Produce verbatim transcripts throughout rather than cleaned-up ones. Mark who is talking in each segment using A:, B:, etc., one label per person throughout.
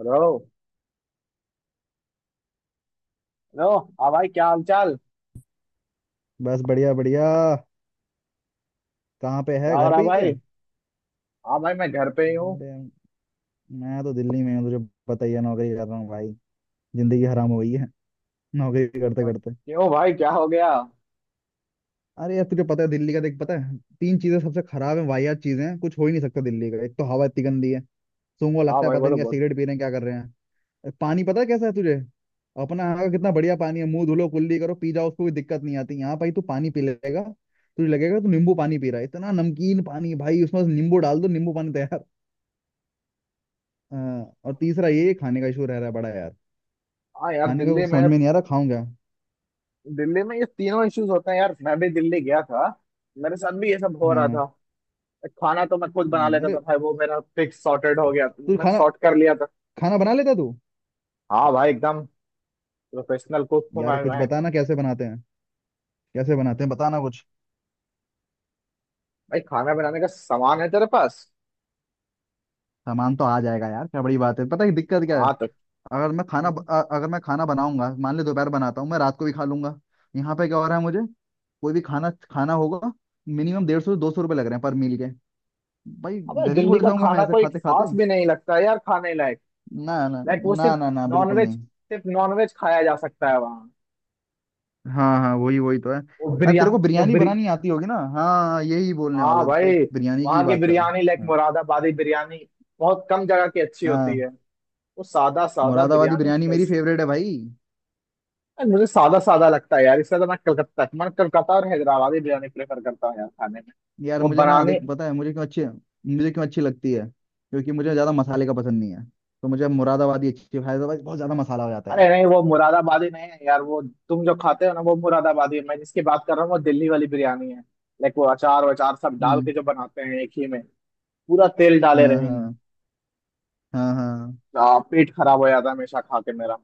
A: Hello. Hello. हाँ भाई, क्या हाल चाल?
B: बस बढ़िया बढ़िया। कहाँ पे है,
A: क्या हो
B: घर
A: रहा
B: पे ही है?
A: भाई? हाँ भाई, मैं घर पे ही हूँ।
B: अरे, मैं तो दिल्ली में हूँ, तुझे पता ही है, नौकरी कर रहा हूँ भाई। जिंदगी हराम हो गई है नौकरी करते
A: और-
B: करते।
A: क्यों भाई, क्या हो गया?
B: अरे यार, तुझे पता है दिल्ली का, देख, पता है तीन चीजें सबसे खराब है, वाहियात चीजें हैं, कुछ हो ही नहीं सकता दिल्ली का। एक तो हवा इतनी गंदी है, सूंघो
A: हाँ
B: लगता है
A: भाई,
B: पता
A: वो
B: नहीं
A: तो
B: क्या,
A: बहुत।
B: सिगरेट पी रहे हैं क्या, कर रहे हैं पानी, पता है कैसा है तुझे? अपना यहाँ का कितना बढ़िया पानी है, मुंह धुलो, कुल्ली करो, पी जाओ, उसको कोई दिक्कत नहीं आती। यहाँ भाई तू पानी पी लेगा, तुझे लगेगा तू नींबू पानी पी रहा है, इतना नमकीन पानी भाई, उसमें बस नींबू डाल दो, नींबू पानी तैयार। हाँ, और तीसरा ये खाने का इशू रह रहा है बड़ा यार।
A: हाँ यार,
B: खाने का
A: दिल्ली
B: कुछ
A: में।
B: समझ में नहीं आ रहा, खाऊं क्या।
A: दिल्ली में ये तीनों इश्यूज होते हैं यार। मैं भी दिल्ली गया था। मेरे साथ भी ये सब हो रहा था।
B: हाँ।
A: खाना तो मैं खुद बना
B: हम्म,
A: लेता था
B: अरे,
A: भाई, वो मेरा फिक्स सॉर्टेड हो गया था,
B: तू
A: मैं
B: खाना,
A: सॉर्ट कर लिया था।
B: खाना बना लेता तू?
A: हाँ भाई, एकदम प्रोफेशनल कुक हूँ
B: यार
A: मैं
B: कुछ
A: मैं
B: बताना कैसे बनाते हैं, कैसे बनाते हैं बताना कुछ।
A: भाई, खाना बनाने का सामान है तेरे पास?
B: सामान तो आ जाएगा यार, क्या बड़ी बात है। पता है दिक्कत क्या है,
A: हाँ तो।
B: अगर मैं खाना ब-
A: हम्म।
B: अ- अगर मैं खाना बनाऊंगा, मान ले दोपहर बनाता हूँ, मैं रात को भी खा लूंगा। यहाँ पे क्या हो रहा है मुझे, कोई भी खाना खाना होगा, मिनिमम डेढ़ सौ दो सौ रुपये लग रहे हैं पर मील के भाई।
A: अबे,
B: गरीब
A: दिल्ली
B: हो
A: का
B: जाऊंगा मैं
A: खाना
B: ऐसे
A: कोई
B: खाते खाते।
A: खास भी नहीं लगता है यार, खाने लायक।
B: ना ना
A: लाइक वो
B: ना
A: सिर्फ।
B: ना ना, बिल्कुल
A: नॉनवेज,
B: नहीं।
A: सिर्फ नॉनवेज खाया जा सकता है वहाँ।
B: हाँ हाँ, वही वही तो है।
A: वो
B: अरे
A: बिरया
B: तेरे को
A: वो
B: बिरयानी
A: बिरी
B: बनानी आती होगी ना, हाँ यही बोलने
A: हाँ
B: वाला था, देख
A: भाई,
B: बिरयानी की ही
A: वहाँ की
B: बात कर रहा हूँ।
A: बिरयानी लाइक
B: हाँ
A: मुरादाबादी बिरयानी। बहुत कम जगह की अच्छी
B: हाँ,
A: होती है। वो सादा सादा
B: मुरादाबादी
A: बिरयानी
B: बिरयानी मेरी
A: कैस-
B: फेवरेट है भाई।
A: यार, मुझे सादा सादा लगता है यार, इसलिए तो मैं कलकत्ता मैं कलकत्ता और हैदराबादी बिरयानी प्रेफर करता हूँ यार खाने में।
B: यार
A: वो
B: मुझे ना,
A: बनाने
B: देख पता है मुझे क्यों अच्छी, मुझे क्यों अच्छी लगती है, क्योंकि मुझे ज़्यादा मसाले का पसंद नहीं है, तो मुझे मुरादाबादी अच्छी। हैदराबाद बहुत ज़्यादा मसाला हो जाता है
A: अरे
B: यार।
A: नहीं, वो मुरादाबादी नहीं है यार, वो। तुम जो खाते हो ना वो मुरादाबादी है, मैं जिसकी बात कर रहा हूँ वो दिल्ली वाली बिरयानी है। लाइक वो अचार वचार सब डाल के
B: हम्म।
A: जो बनाते हैं एक ही में। पूरा तेल डाले
B: हाँ
A: रहेंगे।
B: हाँ। हाँ हाँ,
A: आ, पेट खराब हो जाता है हमेशा खा के मेरा।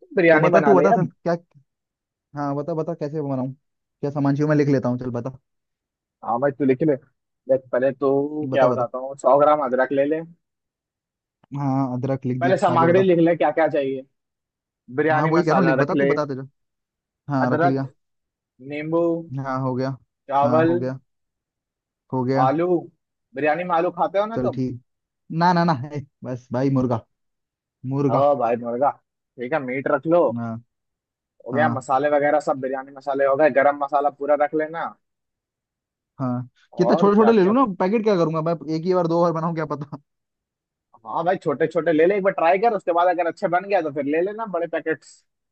A: तो
B: तो
A: बिरयानी
B: बता,
A: बना
B: तू
A: ले
B: बता,
A: यार।
B: चल क्या। हाँ बता बता, कैसे बनाऊँ, क्या सामान चाहिए, मैं लिख लेता हूँ, चल बता।
A: हाँ भाई, तू लिख ले। देख पहले तो क्या
B: बता बता।
A: बताता हूँ, सौ ग्राम अदरक ले ले।
B: हाँ हाँ, अदरक लिख
A: पहले
B: दी, आगे
A: सामग्री
B: बता।
A: लिख ले, क्या क्या चाहिए।
B: हाँ
A: बिरयानी
B: वही कह रहा हूँ,
A: मसाला
B: लिख,
A: रख
B: बता तू
A: ले।
B: बताते जा। हाँ रख
A: अदरक।
B: लिया।
A: नींबू।
B: हाँ हो गया। हाँ
A: चावल।
B: हो गया, हो गया।
A: आलू। बिरयानी में आलू खाते हो ना
B: चल
A: तुम?
B: ठीक, ना ना ना है, बस भाई मुर्गा, मुर्गा।
A: ओ भाई, मुर्गा। ठीक है, मीट रख लो।
B: हाँ।
A: हो गया?
B: हाँ
A: मसाले वगैरह सब बिरयानी मसाले हो गए। गरम मसाला पूरा रख लेना।
B: हाँ। कितना
A: और
B: छोटे
A: क्या
B: छोटे ले
A: क्या?
B: लूँ ना पैकेट, क्या करूंगा मैं एक ही बार, दो बार बनाऊँ क्या पता।
A: हाँ भाई, छोटे छोटे ले ले, एक बार ट्राई कर, उसके बाद अगर अच्छे बन गया तो फिर ले लेना बड़े पैकेट।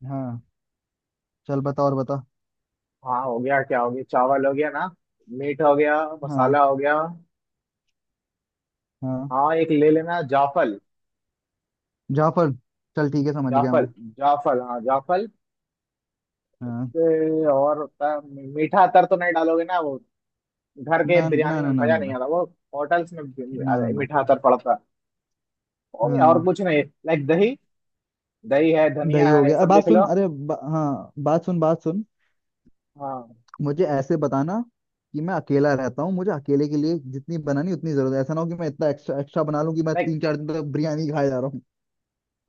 B: हाँ, चल बता, और बता।
A: हाँ, हो गया? क्या हो गया, चावल हो गया ना? मीट हो गया।
B: हाँ
A: मसाला हो गया।
B: हाँ।
A: हाँ, एक ले लेना जाफल।
B: जाफर, चल ठीक है, समझ गया
A: जाफल।
B: मैं।
A: जाफल, हाँ जाफल।
B: हाँ।
A: ए, और होता है। मीठा अतर तो नहीं डालोगे ना वो? घर के
B: ना ना
A: बिरयानी में
B: ना ना
A: मजा
B: ना
A: नहीं
B: ना,
A: आता वो। होटल्स में
B: ना ना ना।
A: मीठा अतर पड़ता है। हो गया? और
B: हाँ,
A: कुछ नहीं, लाइक दही। दही है,
B: दही
A: धनिया
B: हो
A: है, ये
B: गया। अरे
A: सब
B: बात
A: लिख
B: सुन,
A: लो।
B: अरे बा, हाँ बात सुन, बात सुन।
A: हाँ।
B: मुझे ऐसे बताना कि मैं अकेला रहता हूँ, मुझे अकेले के लिए जितनी बनानी उतनी जरूरत है। ऐसा ना हो कि मैं इतना एक्स्ट्रा एक्स्ट्रा बना लूँ कि मैं
A: लाइक।
B: तीन चार दिन तक बिरयानी ही खाए जा रहा हूँ।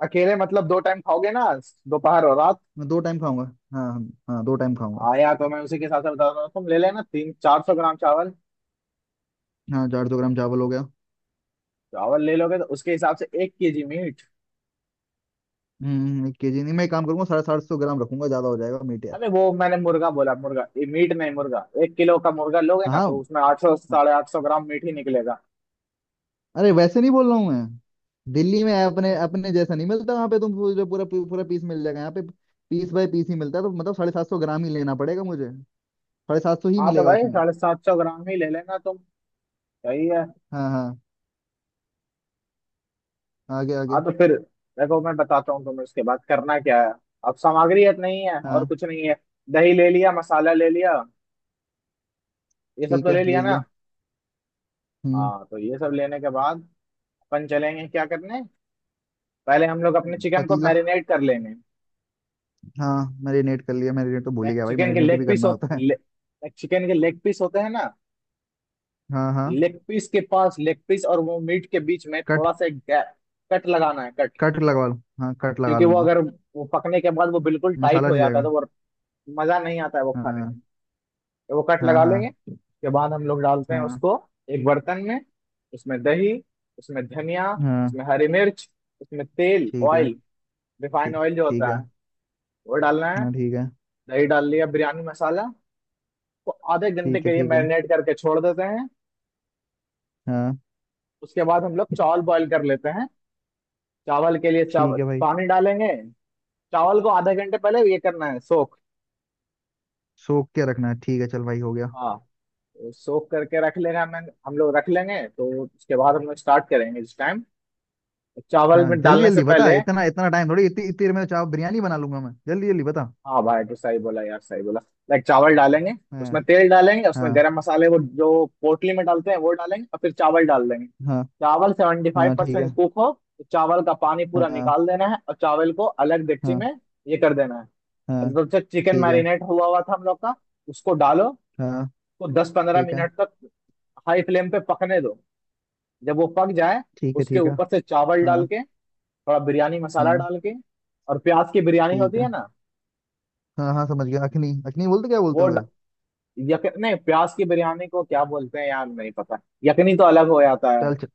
A: अकेले मतलब, दो टाइम खाओगे ना? दोपहर और रात।
B: मैं दो टाइम खाऊंगा। हाँ हाँ हाँ, दो टाइम खाऊंगा।
A: आया, तो मैं उसी के हिसाब से बता रहा हूँ, तुम ले लेना तीन चार सौ ग्राम चावल।
B: हाँ, चार सौ ग्राम चावल हो गया।
A: चावल ले लोगे तो उसके हिसाब से एक केजी मीट।
B: हम्म, एक के जी नहीं, मैं एक काम करूंगा, साढ़े सात सौ ग्राम रखूंगा, ज्यादा हो जाएगा मीट यार।
A: अरे, वो मैंने मुर्गा बोला, मुर्गा ये मीट नहीं, मुर्गा। एक किलो का मुर्गा लोगे
B: हाँ,
A: ना तो उसमें आठ सौ
B: हाँ।
A: साढ़े आठ सौ ग्राम मीट ही निकलेगा।
B: अरे वैसे नहीं बोल रहा हूँ मैं, दिल्ली में अपने अपने जैसा नहीं मिलता, वहाँ पे तुम पूरा पूरा पूरा पीस मिल जाएगा, यहाँ पे पीस बाय पीस ही मिलता है, तो मतलब साढ़े सात सौ ग्राम ही लेना पड़ेगा मुझे, साढ़े सात सौ ही
A: हाँ तो
B: मिलेगा
A: भाई,
B: उसमें।
A: साढ़े सात सौ ग्राम ही ले लेना तुम। सही है।
B: हाँ हाँ, आगे
A: हाँ
B: आगे।
A: तो फिर देखो मैं बताता हूँ तुम्हें, उसके बाद करना क्या है। अब सामग्री अब नहीं है और
B: हाँ
A: कुछ नहीं है। दही ले लिया, मसाला ले लिया, ये सब
B: ठीक
A: तो
B: है,
A: ले
B: ले
A: लिया ना?
B: लिया। हम्म।
A: हाँ तो ये सब लेने के बाद अपन चलेंगे क्या करने। पहले हम लोग अपने चिकन को
B: पतीला,
A: मैरिनेट कर लेंगे।
B: हाँ मैरिनेट कर लिया, मैरिनेट तो भूल ही
A: लाइक
B: गया भाई,
A: चिकन के
B: मैरिनेट भी
A: लेग पीस
B: करना
A: हो,
B: होता है।
A: चिकन के लेग पीस होते हैं ना?
B: हाँ हाँ।
A: लेग पीस के पास लेग पीस और वो मीट के बीच में
B: कट,
A: थोड़ा सा एक गैप, कट लगाना है, कट।
B: कट लगवा लूँ हाँ, कट लगा
A: क्योंकि वो
B: लूंगा।
A: अगर वो पकने के बाद वो बिल्कुल टाइट
B: मसाला
A: हो
B: नहीं
A: जाता है तो
B: जाएगा।
A: वो मजा नहीं आता है वो खाने में।
B: हाँ
A: तो वो कट
B: हाँ।
A: लगा
B: हाँ
A: लेंगे। उसके बाद हम लोग डालते हैं
B: हाँ।
A: उसको एक बर्तन में, उसमें दही, उसमें धनिया,
B: हाँ
A: उसमें हरी मिर्च, उसमें तेल
B: ठीक है।
A: ऑयल, रिफाइंड
B: ठीक,
A: ऑयल जो
B: ठीक
A: होता
B: है।
A: है वो डालना है।
B: हाँ ठीक है।
A: दही डाल लिया, बिरयानी मसाला को आधे घंटे
B: ठीक है।
A: के लिए
B: ठीक है।
A: मैरिनेट करके छोड़ देते हैं।
B: हाँ
A: उसके बाद हम लोग चावल बॉईल कर लेते हैं। चावल के लिए
B: ठीक
A: चावल
B: है भाई,
A: पानी डालेंगे। चावल को आधे घंटे पहले ये करना है, सोख।
B: सोख के रखना है, ठीक है, चल भाई हो गया।
A: हाँ तो सोख करके रख लेगा मैं, हम लोग रख लेंगे, तो उसके बाद हम लोग स्टार्ट करेंगे इस टाइम चावल
B: हाँ
A: में
B: जल्दी
A: डालने से
B: जल्दी बता,
A: पहले।
B: इतना इतना टाइम थोड़ी, इतनी इतनी देर में तो चाव बिरयानी बना लूंगा मैं, जल्दी जल्दी बता।
A: हाँ भाई, तो सही बोला यार, सही बोला। लाइक चावल डालेंगे,
B: हाँ।
A: उसमें तेल डालेंगे, उसमें
B: हाँ
A: गरम मसाले, वो जो पोटली में डालते हैं वो डालेंगे, और फिर चावल डाल देंगे।
B: हाँ।
A: चावल सेवेंटी फाइव
B: हाँ ठीक है।
A: परसेंट कुक हो तो चावल का पानी पूरा
B: हाँ
A: निकाल देना है और चावल को अलग डेगची
B: हाँ।
A: में ये कर देना है।
B: हाँ
A: अब जब से चिकन
B: ठीक है।
A: मैरिनेट हुआ हुआ था हम लोग का, उसको डालो।
B: हाँ
A: तो दस पंद्रह
B: ठीक है।
A: मिनट तक हाई फ्लेम पे पकने दो। जब वो पक जाए,
B: ठीक है
A: उसके
B: ठीक है।
A: ऊपर से चावल डाल
B: हाँ।
A: के, थोड़ा बिरयानी मसाला
B: हाँ
A: डाल के, और प्याज की बिरयानी
B: ठीक
A: होती है
B: है।
A: ना,
B: हाँ हाँ समझ गया, अखनी अखनी बोलते, क्या बोलते
A: वो
B: हैं
A: ड...
B: उसे।
A: यक... नहीं, प्याज की बिरयानी को क्या बोलते हैं यार, नहीं पता। यकनी तो अलग हो जाता है।
B: चल चल,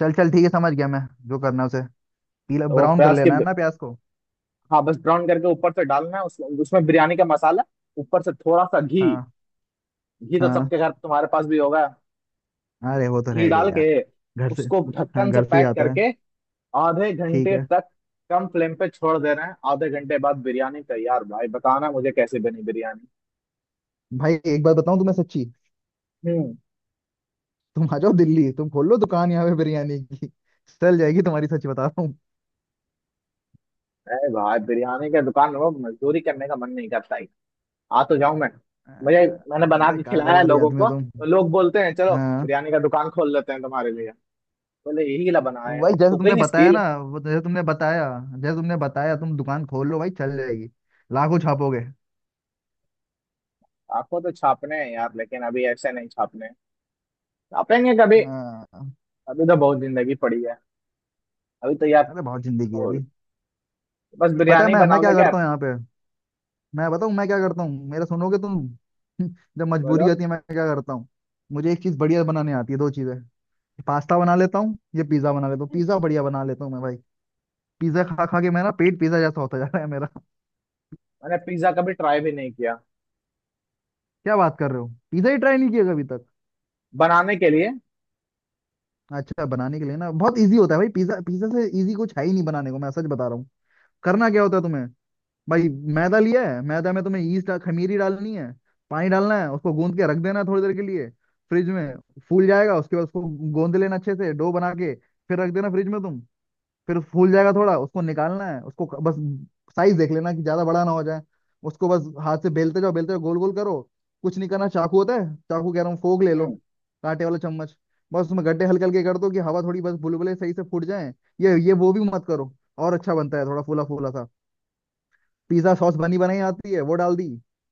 B: चल चल ठीक है समझ गया मैं, जो करना है उसे। पीला
A: तो वो
B: ब्राउन कर
A: प्याज के,
B: लेना है ना प्याज को।
A: हाँ बस ब्राउन करके ऊपर से डालना है उस, उसमें बिरयानी का मसाला, ऊपर से थोड़ा सा घी।
B: हाँ
A: घी तो
B: हाँ,
A: सबके घर तुम्हारे पास भी होगा।
B: अरे वो तो
A: घी
B: रहेगा
A: डाल
B: ही
A: के
B: यार, घर से।
A: उसको
B: हाँ
A: ढक्कन से
B: घर से ही
A: पैक
B: आता है।
A: करके आधे
B: ठीक
A: घंटे
B: है।
A: तक कम फ्लेम पे छोड़ दे रहे हैं, आधे घंटे बाद बिरयानी तैयार। भाई बताना मुझे कैसे बनी बिरयानी।
B: भाई एक बात बताऊं तुम्हें सच्ची,
A: हम्म।
B: तुम आ जाओ दिल्ली, तुम खोल लो दुकान यहाँ पे बिरयानी की, चल जाएगी तुम्हारी, सच बता रहा हूँ।
A: अरे भाई, बिरयानी के दुकान में वो मजदूरी करने का मन नहीं करता ही, आ तो जाऊं मैं। मुझे,
B: अ-
A: मैंने बना
B: अरे
A: के खिलाया है
B: कारोबारी
A: लोगों
B: आदमी हो
A: को
B: तुम।
A: तो लोग बोलते हैं चलो
B: हाँ।
A: बिरयानी का दुकान खोल लेते हैं तुम्हारे लिए। बोले यही ला बनाए
B: भाई
A: हो
B: जैसे तुमने
A: कुकिंग
B: बताया
A: स्किल।
B: ना, वो जैसे तुमने बताया, जैसे तुमने बताया, तुम दुकान खोल लो भाई, चल जाएगी, लाखों छापोगे।
A: आपको तो छापने हैं यार, लेकिन अभी ऐसे नहीं छापने, छापेंगे कभी।
B: हाँ,
A: अभी तो बहुत जिंदगी पड़ी है। अभी तो यार।
B: अरे बहुत जिंदगी है
A: तो
B: अभी।
A: बस
B: पता है
A: बिरयानी
B: मैं मैं
A: बनाओगे
B: क्या
A: क्या?
B: करता हूँ यहाँ पे, मैं बताऊँ मैं क्या करता हूँ, मेरा सुनोगे तुम? जब मजबूरी
A: बोलो।
B: होती है मैं क्या करता हूँ, मुझे एक चीज बढ़िया बनाने आती है, दो चीजें। पास्ता बना लेता हूँ ये, पिज्जा बना लेता हूँ, पिज्जा बढ़िया बना लेता हूँ मैं भाई। पिज्जा खा खा के मेरा पेट पिज्जा जैसा होता जा रहा है मेरा।
A: मैंने पिज्जा कभी ट्राई भी नहीं किया
B: क्या बात कर रहे हो, पिज्जा ही ट्राई नहीं किया कभी तक?
A: बनाने के लिए।
B: अच्छा, बनाने के लिए ना, बहुत ईजी होता है भाई, पिज्जा, पिज्जा से ईजी कुछ है ही नहीं बनाने को, मैं सच बता रहा हूँ। करना क्या होता है तुम्हें भाई, मैदा लिया है, मैदा में तुम्हें ईस्ट खमीरी डालनी है, पानी डालना है, उसको गूंद के रख देना है थोड़ी देर के लिए फ्रिज में। फूल जाएगा, उसके बाद उसको गूंद लेना अच्छे से डो बना के, फिर रख देना फ्रिज में तुम, फिर फूल जाएगा थोड़ा। उसको निकालना है, उसको क- बस साइज देख लेना कि ज्यादा बड़ा ना हो जाए। उसको बस हाथ से बेलते जाओ बेलते जाओ, गोल गोल करो। कुछ नहीं करना, चाकू होता है चाकू, कह रहा हूँ फोक ले लो,
A: हम्म।
B: कांटे वाला चम्मच। बस उसमें गड्ढे हल्के हल्के कर दो कि हवा थोड़ी, बस बुलबुले सही से फूट जाए। ये ये वो भी मत करो, और अच्छा बनता है थोड़ा फूला फूला सा। पिज्जा सॉस बनी बनाई आती है, वो डाल दी,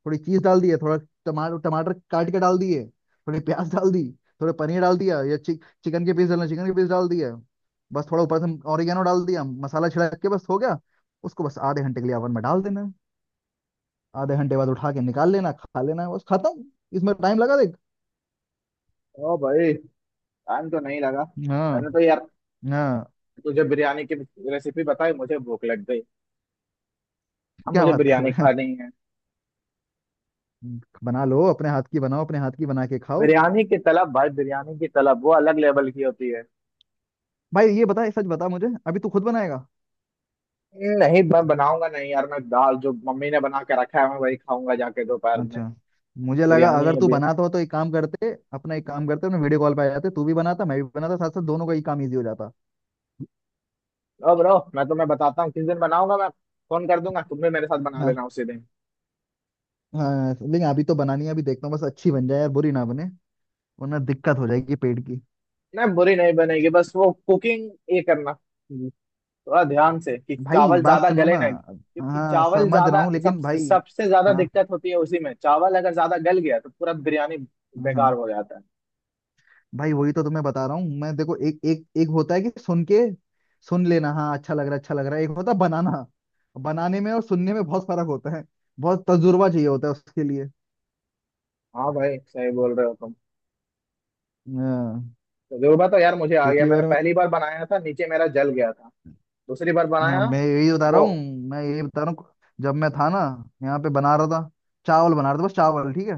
B: थोड़ी चीज डाल दी है, थोड़ा टमाटर, टमाटर काट के डाल दिए, थोड़ी प्याज डाल दी, थोड़े पनीर डाल दिया, या चिक, चिकन के पीस डालना, चिकन के पीस डाल दिया। बस थोड़ा ऊपर से ऑरिगेनो डाल दिया, मसाला छिड़क के बस हो गया। उसको बस आधे घंटे के लिए ओवन में डाल देना है। आधे घंटे बाद उठा के निकाल लेना, खा लेना, है बस खत्म। इसमें टाइम लगा देख।
A: ओ भाई, टाइम तो नहीं लगा।
B: हाँ।
A: मैंने तो यार,
B: हाँ
A: तुझे बिरयानी की रेसिपी बताई, मुझे भूख लग गई। अब
B: क्या
A: मुझे
B: बात कर
A: बिरयानी
B: रहे
A: खानी है।
B: हैं, बना लो अपने हाथ की, बनाओ अपने हाथ की बना के खाओ।
A: बिरयानी की तलब भाई, बिरयानी की तलब वो अलग लेवल की होती है।
B: भाई ये बता, सच बता मुझे, अभी तू खुद बनाएगा?
A: नहीं, मैं बनाऊंगा नहीं यार, मैं दाल जो मम्मी ने बना के रखा है मैं वही खाऊंगा जाके दोपहर में।
B: अच्छा, मुझे लगा
A: बिरयानी
B: अगर तू
A: अभी?
B: बनाता हो तो एक काम करते अपना, एक काम करते अपने, वीडियो कॉल पे आ जाते, तू भी बनाता मैं भी बनाता, साथ साथ दोनों का ही काम इजी हो जाता।
A: ओ ब्रो, मैं तुम्हें बताता हूँ किस दिन बनाऊंगा मैं, फोन कर दूंगा, तुम भी मेरे साथ बना
B: हाँ
A: लेना उसी दिन।
B: हाँ लेकिन अभी तो बनानी है, अभी देखता हूँ, बस अच्छी बन जाए यार, बुरी ना बने, वरना दिक्कत हो जाएगी पेट की।
A: नहीं बुरी नहीं बनेगी, बस वो कुकिंग ये करना थोड़ा ध्यान से कि
B: भाई
A: चावल
B: बात
A: ज्यादा
B: सुनो ना,
A: गले ना, क्योंकि
B: हाँ
A: चावल
B: समझ रहा
A: ज्यादा
B: हूँ
A: सब
B: लेकिन भाई,
A: सबसे ज्यादा
B: हाँ।
A: दिक्कत होती है उसी में, चावल अगर ज्यादा गल गया तो पूरा बिरयानी बेकार
B: हाँ
A: हो जाता है।
B: भाई वही तो तुम्हें बता रहा हूँ मैं, देखो एक, एक एक होता है कि सुन के सुन लेना, हाँ अच्छा लग रहा है, अच्छा लग रहा है। एक होता है बनाना, बनाने में और सुनने में बहुत फर्क होता है, बहुत तजुर्बा चाहिए होता है उसके लिए।
A: हाँ भाई, सही बोल रहे हो तुम।
B: हाँ,
A: तजुर्बा तो यार मुझे आ गया,
B: पिछली
A: मैंने
B: बार मैं,
A: पहली बार बनाया था नीचे मेरा जल गया था, दूसरी बार
B: हाँ
A: बनाया
B: मैं यही बता रहा
A: वो,
B: हूँ, मैं यही बता रहा हूँ। जब मैं था ना यहाँ पे बना रहा था, चावल बना रहा था, बस चावल ठीक है,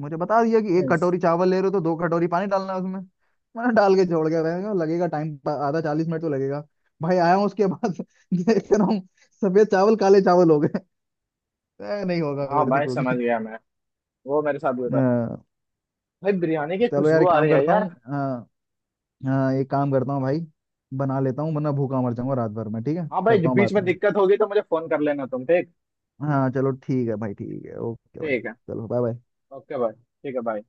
B: मुझे बता दिया कि एक
A: हम्म,
B: कटोरी चावल ले रहे हो तो दो कटोरी पानी डालना है उसमें। मैंने डाल के छोड़ के, रहेगा लगेगा टाइम, आधा चालीस मिनट तो लगेगा भाई, आया हूँ उसके बाद देख रहा हूँ सफेद चावल काले चावल हो गए। ए, नहीं होगा
A: हाँ
B: मेरे से
A: भाई समझ
B: कुकिंग।
A: गया मैं, वो मेरे साथ हुआ था। भाई बिरयानी की
B: चलो यार,
A: खुशबू
B: एक
A: आ
B: काम
A: रही है
B: करता
A: यार।
B: हूँ, हाँ। हाँ एक काम करता हूँ भाई, बना लेता हूँ वरना भूखा मर जाऊंगा रात भर में, ठीक है,
A: हाँ भाई,
B: करता हूँ
A: बीच
B: बाद
A: में
B: में।
A: दिक्कत होगी तो मुझे फोन कर लेना तुम, ठीक?
B: हाँ चलो ठीक है भाई, ठीक है, ओके भाई,
A: ठीक है,
B: चलो बाय बाय।
A: ओके भाई, ठीक है भाई।